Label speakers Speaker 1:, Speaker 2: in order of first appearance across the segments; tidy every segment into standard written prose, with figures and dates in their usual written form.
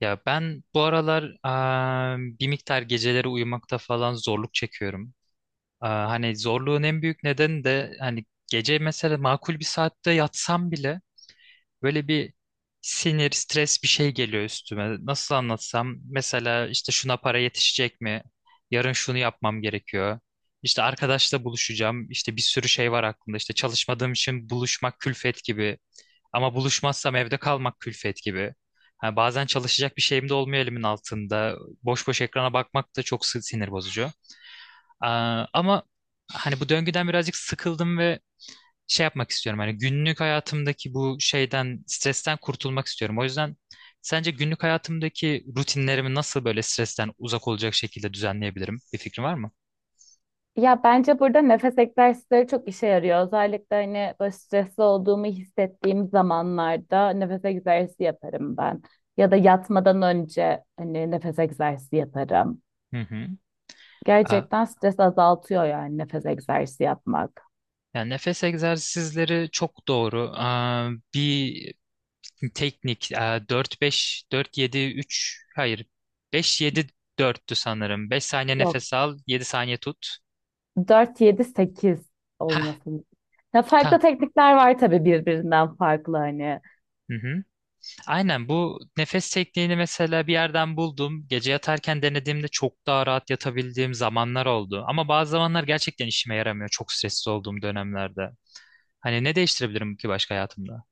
Speaker 1: Ya ben bu aralar bir miktar geceleri uyumakta falan zorluk çekiyorum. Hani zorluğun en büyük nedeni de hani gece mesela makul bir saatte yatsam bile böyle bir sinir, stres bir şey geliyor üstüme. Nasıl anlatsam, mesela işte şuna para yetişecek mi? Yarın şunu yapmam gerekiyor. İşte arkadaşla buluşacağım. İşte bir sürü şey var aklımda. İşte çalışmadığım için buluşmak külfet gibi. Ama buluşmazsam evde kalmak külfet gibi. Ha, bazen çalışacak bir şeyim de olmuyor elimin altında. Boş boş ekrana bakmak da çok sinir bozucu. Ama hani bu döngüden birazcık sıkıldım ve şey yapmak istiyorum. Hani günlük hayatımdaki bu şeyden, stresten kurtulmak istiyorum. O yüzden sence günlük hayatımdaki rutinlerimi nasıl böyle stresten uzak olacak şekilde düzenleyebilirim? Bir fikrin var mı?
Speaker 2: Ya bence burada nefes egzersizleri çok işe yarıyor. Özellikle hani böyle stresli olduğumu hissettiğim zamanlarda nefes egzersizi yaparım ben. Ya da yatmadan önce hani nefes egzersizi yaparım.
Speaker 1: Hı hı. Aa,
Speaker 2: Gerçekten stres azaltıyor yani nefes egzersizi yapmak.
Speaker 1: Yani nefes egzersizleri çok doğru. Bir teknik, 4-5, 4-7-3, hayır, 5-7-4'tü sanırım. 5 saniye
Speaker 2: Yok.
Speaker 1: nefes al, 7 saniye tut.
Speaker 2: Dört yedi sekiz
Speaker 1: Hah,
Speaker 2: olmasın. Ya farklı
Speaker 1: ta.
Speaker 2: teknikler var tabii birbirinden farklı hani.
Speaker 1: Hı hı. Aynen, bu nefes tekniğini mesela bir yerden buldum. Gece yatarken denediğimde çok daha rahat yatabildiğim zamanlar oldu. Ama bazı zamanlar gerçekten işime yaramıyor, çok stressiz olduğum dönemlerde. Hani ne değiştirebilirim ki başka hayatımda?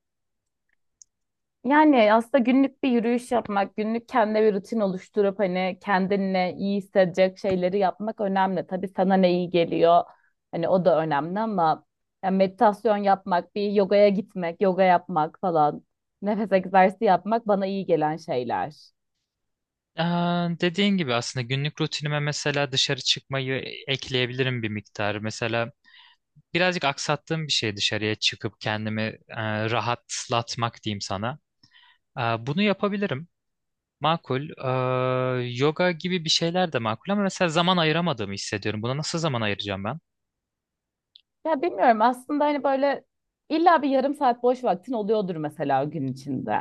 Speaker 2: Yani aslında günlük bir yürüyüş yapmak, günlük kendine bir rutin oluşturup hani kendinle iyi hissedecek şeyleri yapmak önemli. Tabii sana ne iyi geliyor, hani o da önemli ama yani meditasyon yapmak, bir yogaya gitmek, yoga yapmak falan, nefes egzersizi yapmak bana iyi gelen şeyler.
Speaker 1: Ee, Dediğin gibi aslında günlük rutinime mesela dışarı çıkmayı ekleyebilirim bir miktar. Mesela birazcık aksattığım bir şey, dışarıya çıkıp kendimi rahatlatmak diyeyim sana. Ee, Bunu yapabilirim. Makul. Yoga gibi bir şeyler de makul ama mesela zaman ayıramadığımı hissediyorum. Buna nasıl zaman ayıracağım ben?
Speaker 2: Ya bilmiyorum aslında hani böyle illa bir yarım saat boş vaktin oluyordur mesela gün içinde.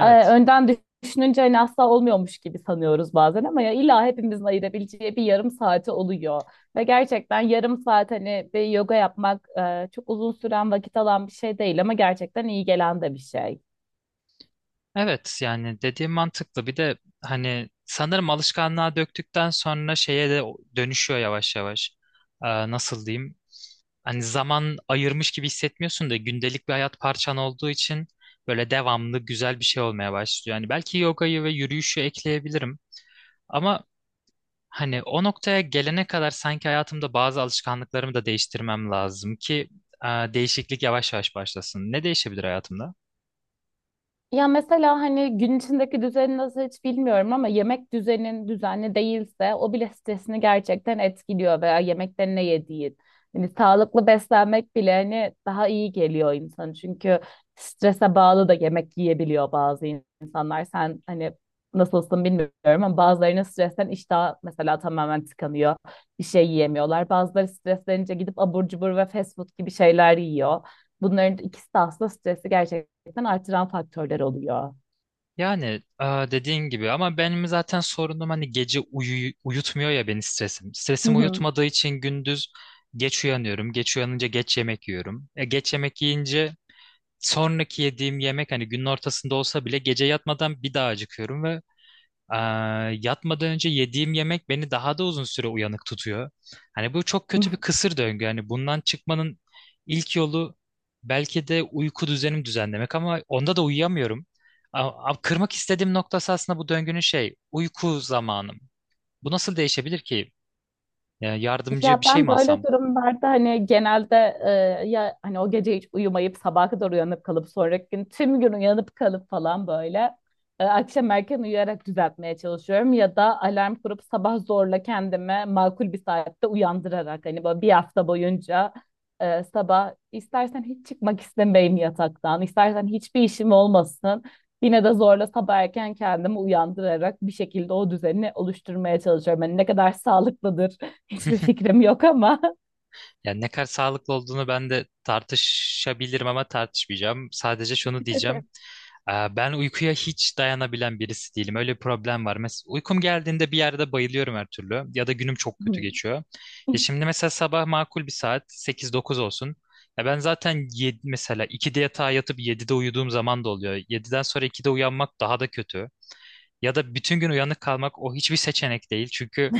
Speaker 2: Önden düşününce hani asla olmuyormuş gibi sanıyoruz bazen ama ya illa hepimizin ayırabileceği bir yarım saati oluyor. Ve gerçekten yarım saat hani bir yoga yapmak çok uzun süren vakit alan bir şey değil ama gerçekten iyi gelen de bir şey.
Speaker 1: Evet, yani dediğim mantıklı. Bir de hani sanırım alışkanlığa döktükten sonra şeye de dönüşüyor yavaş yavaş. Nasıl diyeyim? Hani zaman ayırmış gibi hissetmiyorsun da gündelik bir hayat parçan olduğu için böyle devamlı güzel bir şey olmaya başlıyor. Yani belki yogayı ve yürüyüşü ekleyebilirim. Ama hani o noktaya gelene kadar sanki hayatımda bazı alışkanlıklarımı da değiştirmem lazım ki değişiklik yavaş yavaş başlasın. Ne değişebilir hayatımda?
Speaker 2: Ya mesela hani gün içindeki düzeni nasıl hiç bilmiyorum ama yemek düzenin düzenli değilse o bile stresini gerçekten etkiliyor veya yemekten ne yediğin. Hani sağlıklı beslenmek bile hani daha iyi geliyor insan. Çünkü strese bağlı da yemek yiyebiliyor bazı insanlar. Sen hani nasılsın bilmiyorum ama bazılarının stresten iştah mesela tamamen tıkanıyor. Bir şey yiyemiyorlar. Bazıları streslenince gidip abur cubur ve fast food gibi şeyler yiyor. Bunların ikisi de aslında stresi gerçekten artıran faktörler oluyor.
Speaker 1: Yani dediğin gibi, ama benim zaten sorunum hani gece uyutmuyor ya beni stresim.
Speaker 2: Hı
Speaker 1: Stresim
Speaker 2: hı.
Speaker 1: uyutmadığı için gündüz geç uyanıyorum. Geç uyanınca geç yemek yiyorum. Geç yemek yiyince sonraki yediğim yemek, hani günün ortasında olsa bile, gece yatmadan bir daha acıkıyorum ve Ee, yatmadan önce yediğim yemek beni daha da uzun süre uyanık tutuyor. Hani bu çok kötü bir kısır döngü. Hani bundan çıkmanın ilk yolu belki de uyku düzenimi düzenlemek, ama onda da uyuyamıyorum. Kırmak istediğim noktası aslında bu döngünün şey, uyku zamanım. Bu nasıl değişebilir ki? Yani yardımcı
Speaker 2: Ya
Speaker 1: bir şey
Speaker 2: ben
Speaker 1: mi
Speaker 2: böyle
Speaker 1: alsam?
Speaker 2: durumlarda hani genelde ya hani o gece hiç uyumayıp sabaha kadar uyanıp kalıp sonraki gün tüm gün uyanıp kalıp falan böyle akşam erken uyuyarak düzeltmeye çalışıyorum ya da alarm kurup sabah zorla kendimi makul bir saatte uyandırarak hani böyle bir hafta boyunca sabah istersen hiç çıkmak istemeyim yataktan istersen hiçbir işim olmasın. Yine de zorla sabah erken kendimi uyandırarak bir şekilde o düzeni oluşturmaya çalışıyorum. Yani ne kadar sağlıklıdır, hiçbir fikrim yok ama.
Speaker 1: Yani ne kadar sağlıklı olduğunu ben de tartışabilirim ama tartışmayacağım. Sadece şunu diyeceğim. Ben uykuya hiç dayanabilen birisi değilim. Öyle bir problem var. Mesela uykum geldiğinde bir yerde bayılıyorum her türlü. Ya da günüm çok kötü
Speaker 2: Hmm.
Speaker 1: geçiyor. Ya şimdi mesela sabah makul bir saat 8-9 olsun. Ya ben zaten yedi, mesela 2'de yatağa yatıp 7'de uyuduğum zaman da oluyor. 7'den sonra 2'de uyanmak daha da kötü. Ya da bütün gün uyanık kalmak, o hiçbir seçenek değil. Çünkü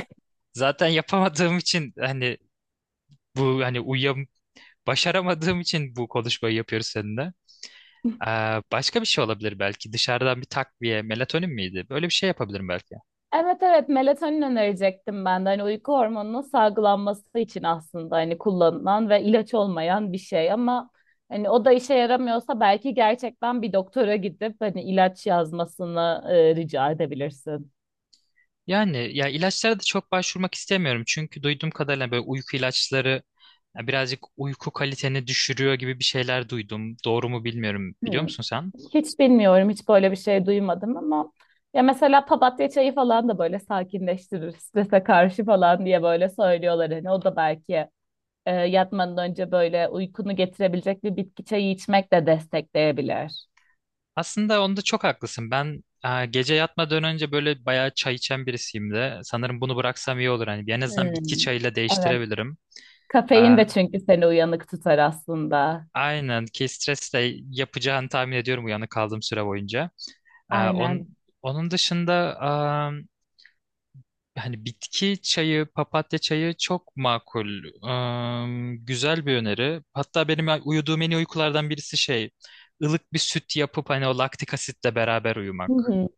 Speaker 1: zaten yapamadığım için, hani bu hani başaramadığım için bu konuşmayı yapıyoruz seninle. Ee, Başka bir şey olabilir belki. Dışarıdan bir takviye, melatonin miydi? Böyle bir şey yapabilirim belki.
Speaker 2: Evet, evet, melatonin önerecektim ben de. Hani uyku hormonunun salgılanması için aslında hani kullanılan ve ilaç olmayan bir şey ama hani o da işe yaramıyorsa belki gerçekten bir doktora gidip hani ilaç yazmasını rica edebilirsin.
Speaker 1: Yani ya, ilaçlara da çok başvurmak istemiyorum. Çünkü duyduğum kadarıyla böyle uyku ilaçları ya birazcık uyku kaliteni düşürüyor gibi bir şeyler duydum. Doğru mu bilmiyorum. Biliyor
Speaker 2: Hmm.
Speaker 1: musun sen?
Speaker 2: Hiç bilmiyorum, hiç böyle bir şey duymadım ama ya mesela papatya çayı falan da böyle sakinleştirir, strese karşı falan diye böyle söylüyorlar hani o da belki yatmadan önce böyle uykunu getirebilecek bir bitki çayı içmek de destekleyebilir.
Speaker 1: Aslında onda çok haklısın. Ben gece yatmadan önce böyle bayağı çay içen birisiyim de. Sanırım bunu bıraksam iyi olur. Hani en azından bitki
Speaker 2: Hmm,
Speaker 1: çayıyla
Speaker 2: evet.
Speaker 1: değiştirebilirim. Ee,
Speaker 2: Kafein de çünkü seni uyanık tutar aslında.
Speaker 1: aynen, ki stresle yapacağını tahmin ediyorum uyanık kaldığım süre boyunca. Ee, on,
Speaker 2: Aynen.
Speaker 1: Onun dışında, hani bitki çayı, papatya çayı çok makul. Güzel bir öneri. Hatta benim uyuduğum en iyi uykulardan birisi şey, ılık bir süt yapıp hani o laktik asitle beraber
Speaker 2: Hı
Speaker 1: uyumak.
Speaker 2: hı.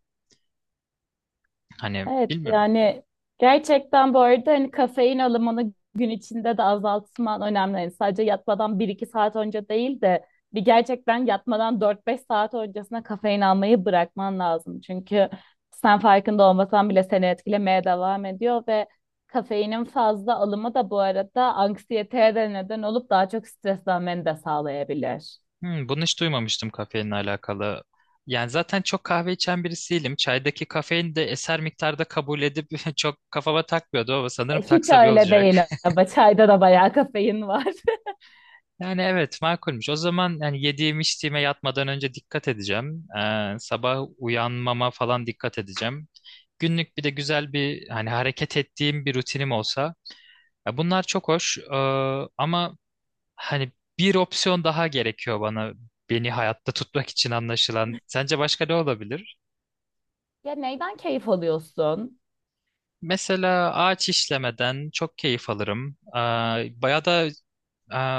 Speaker 1: Hani
Speaker 2: Evet
Speaker 1: bilmiyorum.
Speaker 2: yani gerçekten bu arada hani kafein alımını gün içinde de azaltman önemli. Yani sadece yatmadan bir iki saat önce değil de bir gerçekten yatmadan dört beş saat öncesine kafein almayı bırakman lazım. Çünkü sen farkında olmasan bile seni etkilemeye devam ediyor ve kafeinin fazla alımı da bu arada anksiyeteye de neden olup daha çok streslenmeni de sağlayabilir.
Speaker 1: Hmm, bunu hiç duymamıştım kafeinle alakalı. Yani zaten çok kahve içen birisiyim. Çaydaki kafein de eser miktarda kabul edip çok kafama takmıyordu ama sanırım
Speaker 2: Hiç
Speaker 1: taksa bir
Speaker 2: öyle
Speaker 1: olacak.
Speaker 2: değil ama çayda da bayağı kafein var.
Speaker 1: Yani evet, makulmüş. O zaman yani yediğim içtiğime yatmadan önce dikkat edeceğim. Sabah uyanmama falan dikkat edeceğim. Günlük bir de güzel bir hani hareket ettiğim bir rutinim olsa. Ya bunlar çok hoş ama hani bir opsiyon daha gerekiyor bana, beni hayatta tutmak için anlaşılan. Sence başka ne olabilir?
Speaker 2: Ya neyden keyif alıyorsun?
Speaker 1: Mesela ağaç işlemeden çok keyif alırım. Bayağı da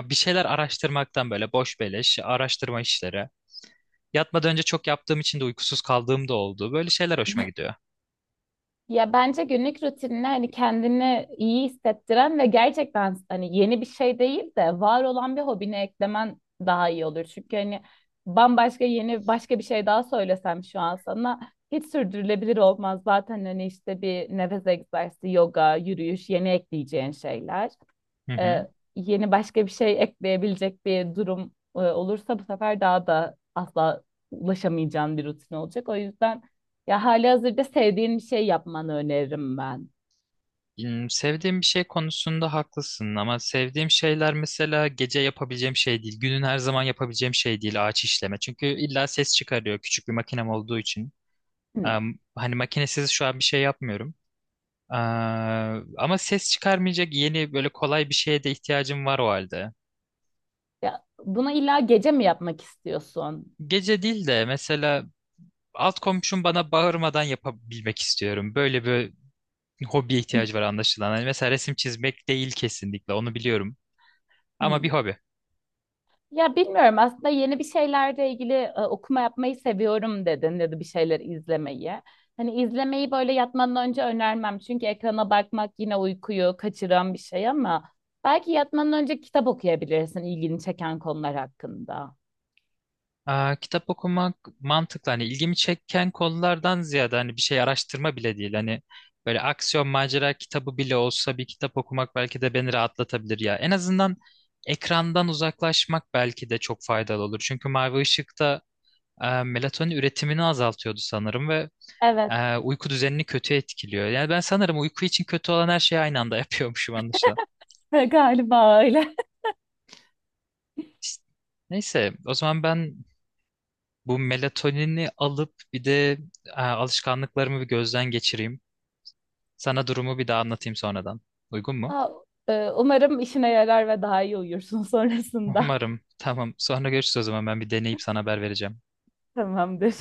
Speaker 1: bir şeyler araştırmaktan, böyle boş beleş araştırma işleri. Yatmadan önce çok yaptığım için de uykusuz kaldığım da oldu. Böyle şeyler hoşuma gidiyor.
Speaker 2: Ya bence günlük rutinine hani kendini iyi hissettiren ve gerçekten hani yeni bir şey değil de var olan bir hobine eklemen daha iyi olur. Çünkü hani bambaşka yeni başka bir şey daha söylesem şu an sana hiç sürdürülebilir olmaz. Zaten hani işte bir nefes egzersizi, yoga, yürüyüş, yeni ekleyeceğin şeyler
Speaker 1: Hı hı.
Speaker 2: yeni başka bir şey ekleyebilecek bir durum olursa bu sefer daha da asla ulaşamayacağın bir rutin olacak. O yüzden ya halihazırda sevdiğin bir şey yapmanı öneririm ben.
Speaker 1: Hmm, sevdiğim bir şey konusunda haklısın ama sevdiğim şeyler mesela gece yapabileceğim şey değil. Günün her zaman yapabileceğim şey değil ağaç işleme. Çünkü illa ses çıkarıyor, küçük bir makinem olduğu için.
Speaker 2: Hı.
Speaker 1: Hani makinesiz şu an bir şey yapmıyorum. Ama ses çıkarmayacak yeni böyle kolay bir şeye de ihtiyacım var o halde.
Speaker 2: Ya, bunu illa gece mi yapmak istiyorsun?
Speaker 1: Gece değil de mesela alt komşum bana bağırmadan yapabilmek istiyorum. Böyle bir hobiye ihtiyacı var anlaşılan. Hani mesela resim çizmek değil, kesinlikle onu biliyorum. Ama
Speaker 2: Hı.
Speaker 1: bir hobi.
Speaker 2: Ya bilmiyorum aslında yeni bir şeylerle ilgili okuma yapmayı seviyorum dedin ya da bir şeyler izlemeyi. Hani izlemeyi böyle yatmadan önce önermem çünkü ekrana bakmak yine uykuyu kaçıran bir şey ama belki yatmadan önce kitap okuyabilirsin ilgini çeken konular hakkında.
Speaker 1: Kitap okumak mantıklı. Hani ilgimi çeken konulardan ziyade, hani bir şey araştırma bile değil. Hani böyle aksiyon macera kitabı bile olsa, bir kitap okumak belki de beni rahatlatabilir ya. En azından ekrandan uzaklaşmak belki de çok faydalı olur. Çünkü mavi ışıkta melatonin üretimini azaltıyordu sanırım ve
Speaker 2: Evet,
Speaker 1: uyku düzenini kötü etkiliyor. Yani ben sanırım uyku için kötü olan her şeyi aynı anda yapıyormuşum.
Speaker 2: galiba öyle.
Speaker 1: İşte, neyse, o zaman ben bu melatonini alıp bir de alışkanlıklarımı bir gözden geçireyim. Sana durumu bir daha anlatayım sonradan. Uygun mu?
Speaker 2: Aa, umarım işine yarar ve daha iyi uyursun sonrasında.
Speaker 1: Umarım. Tamam. Sonra görüşürüz o zaman. Ben bir deneyip sana haber vereceğim.
Speaker 2: Tamamdır.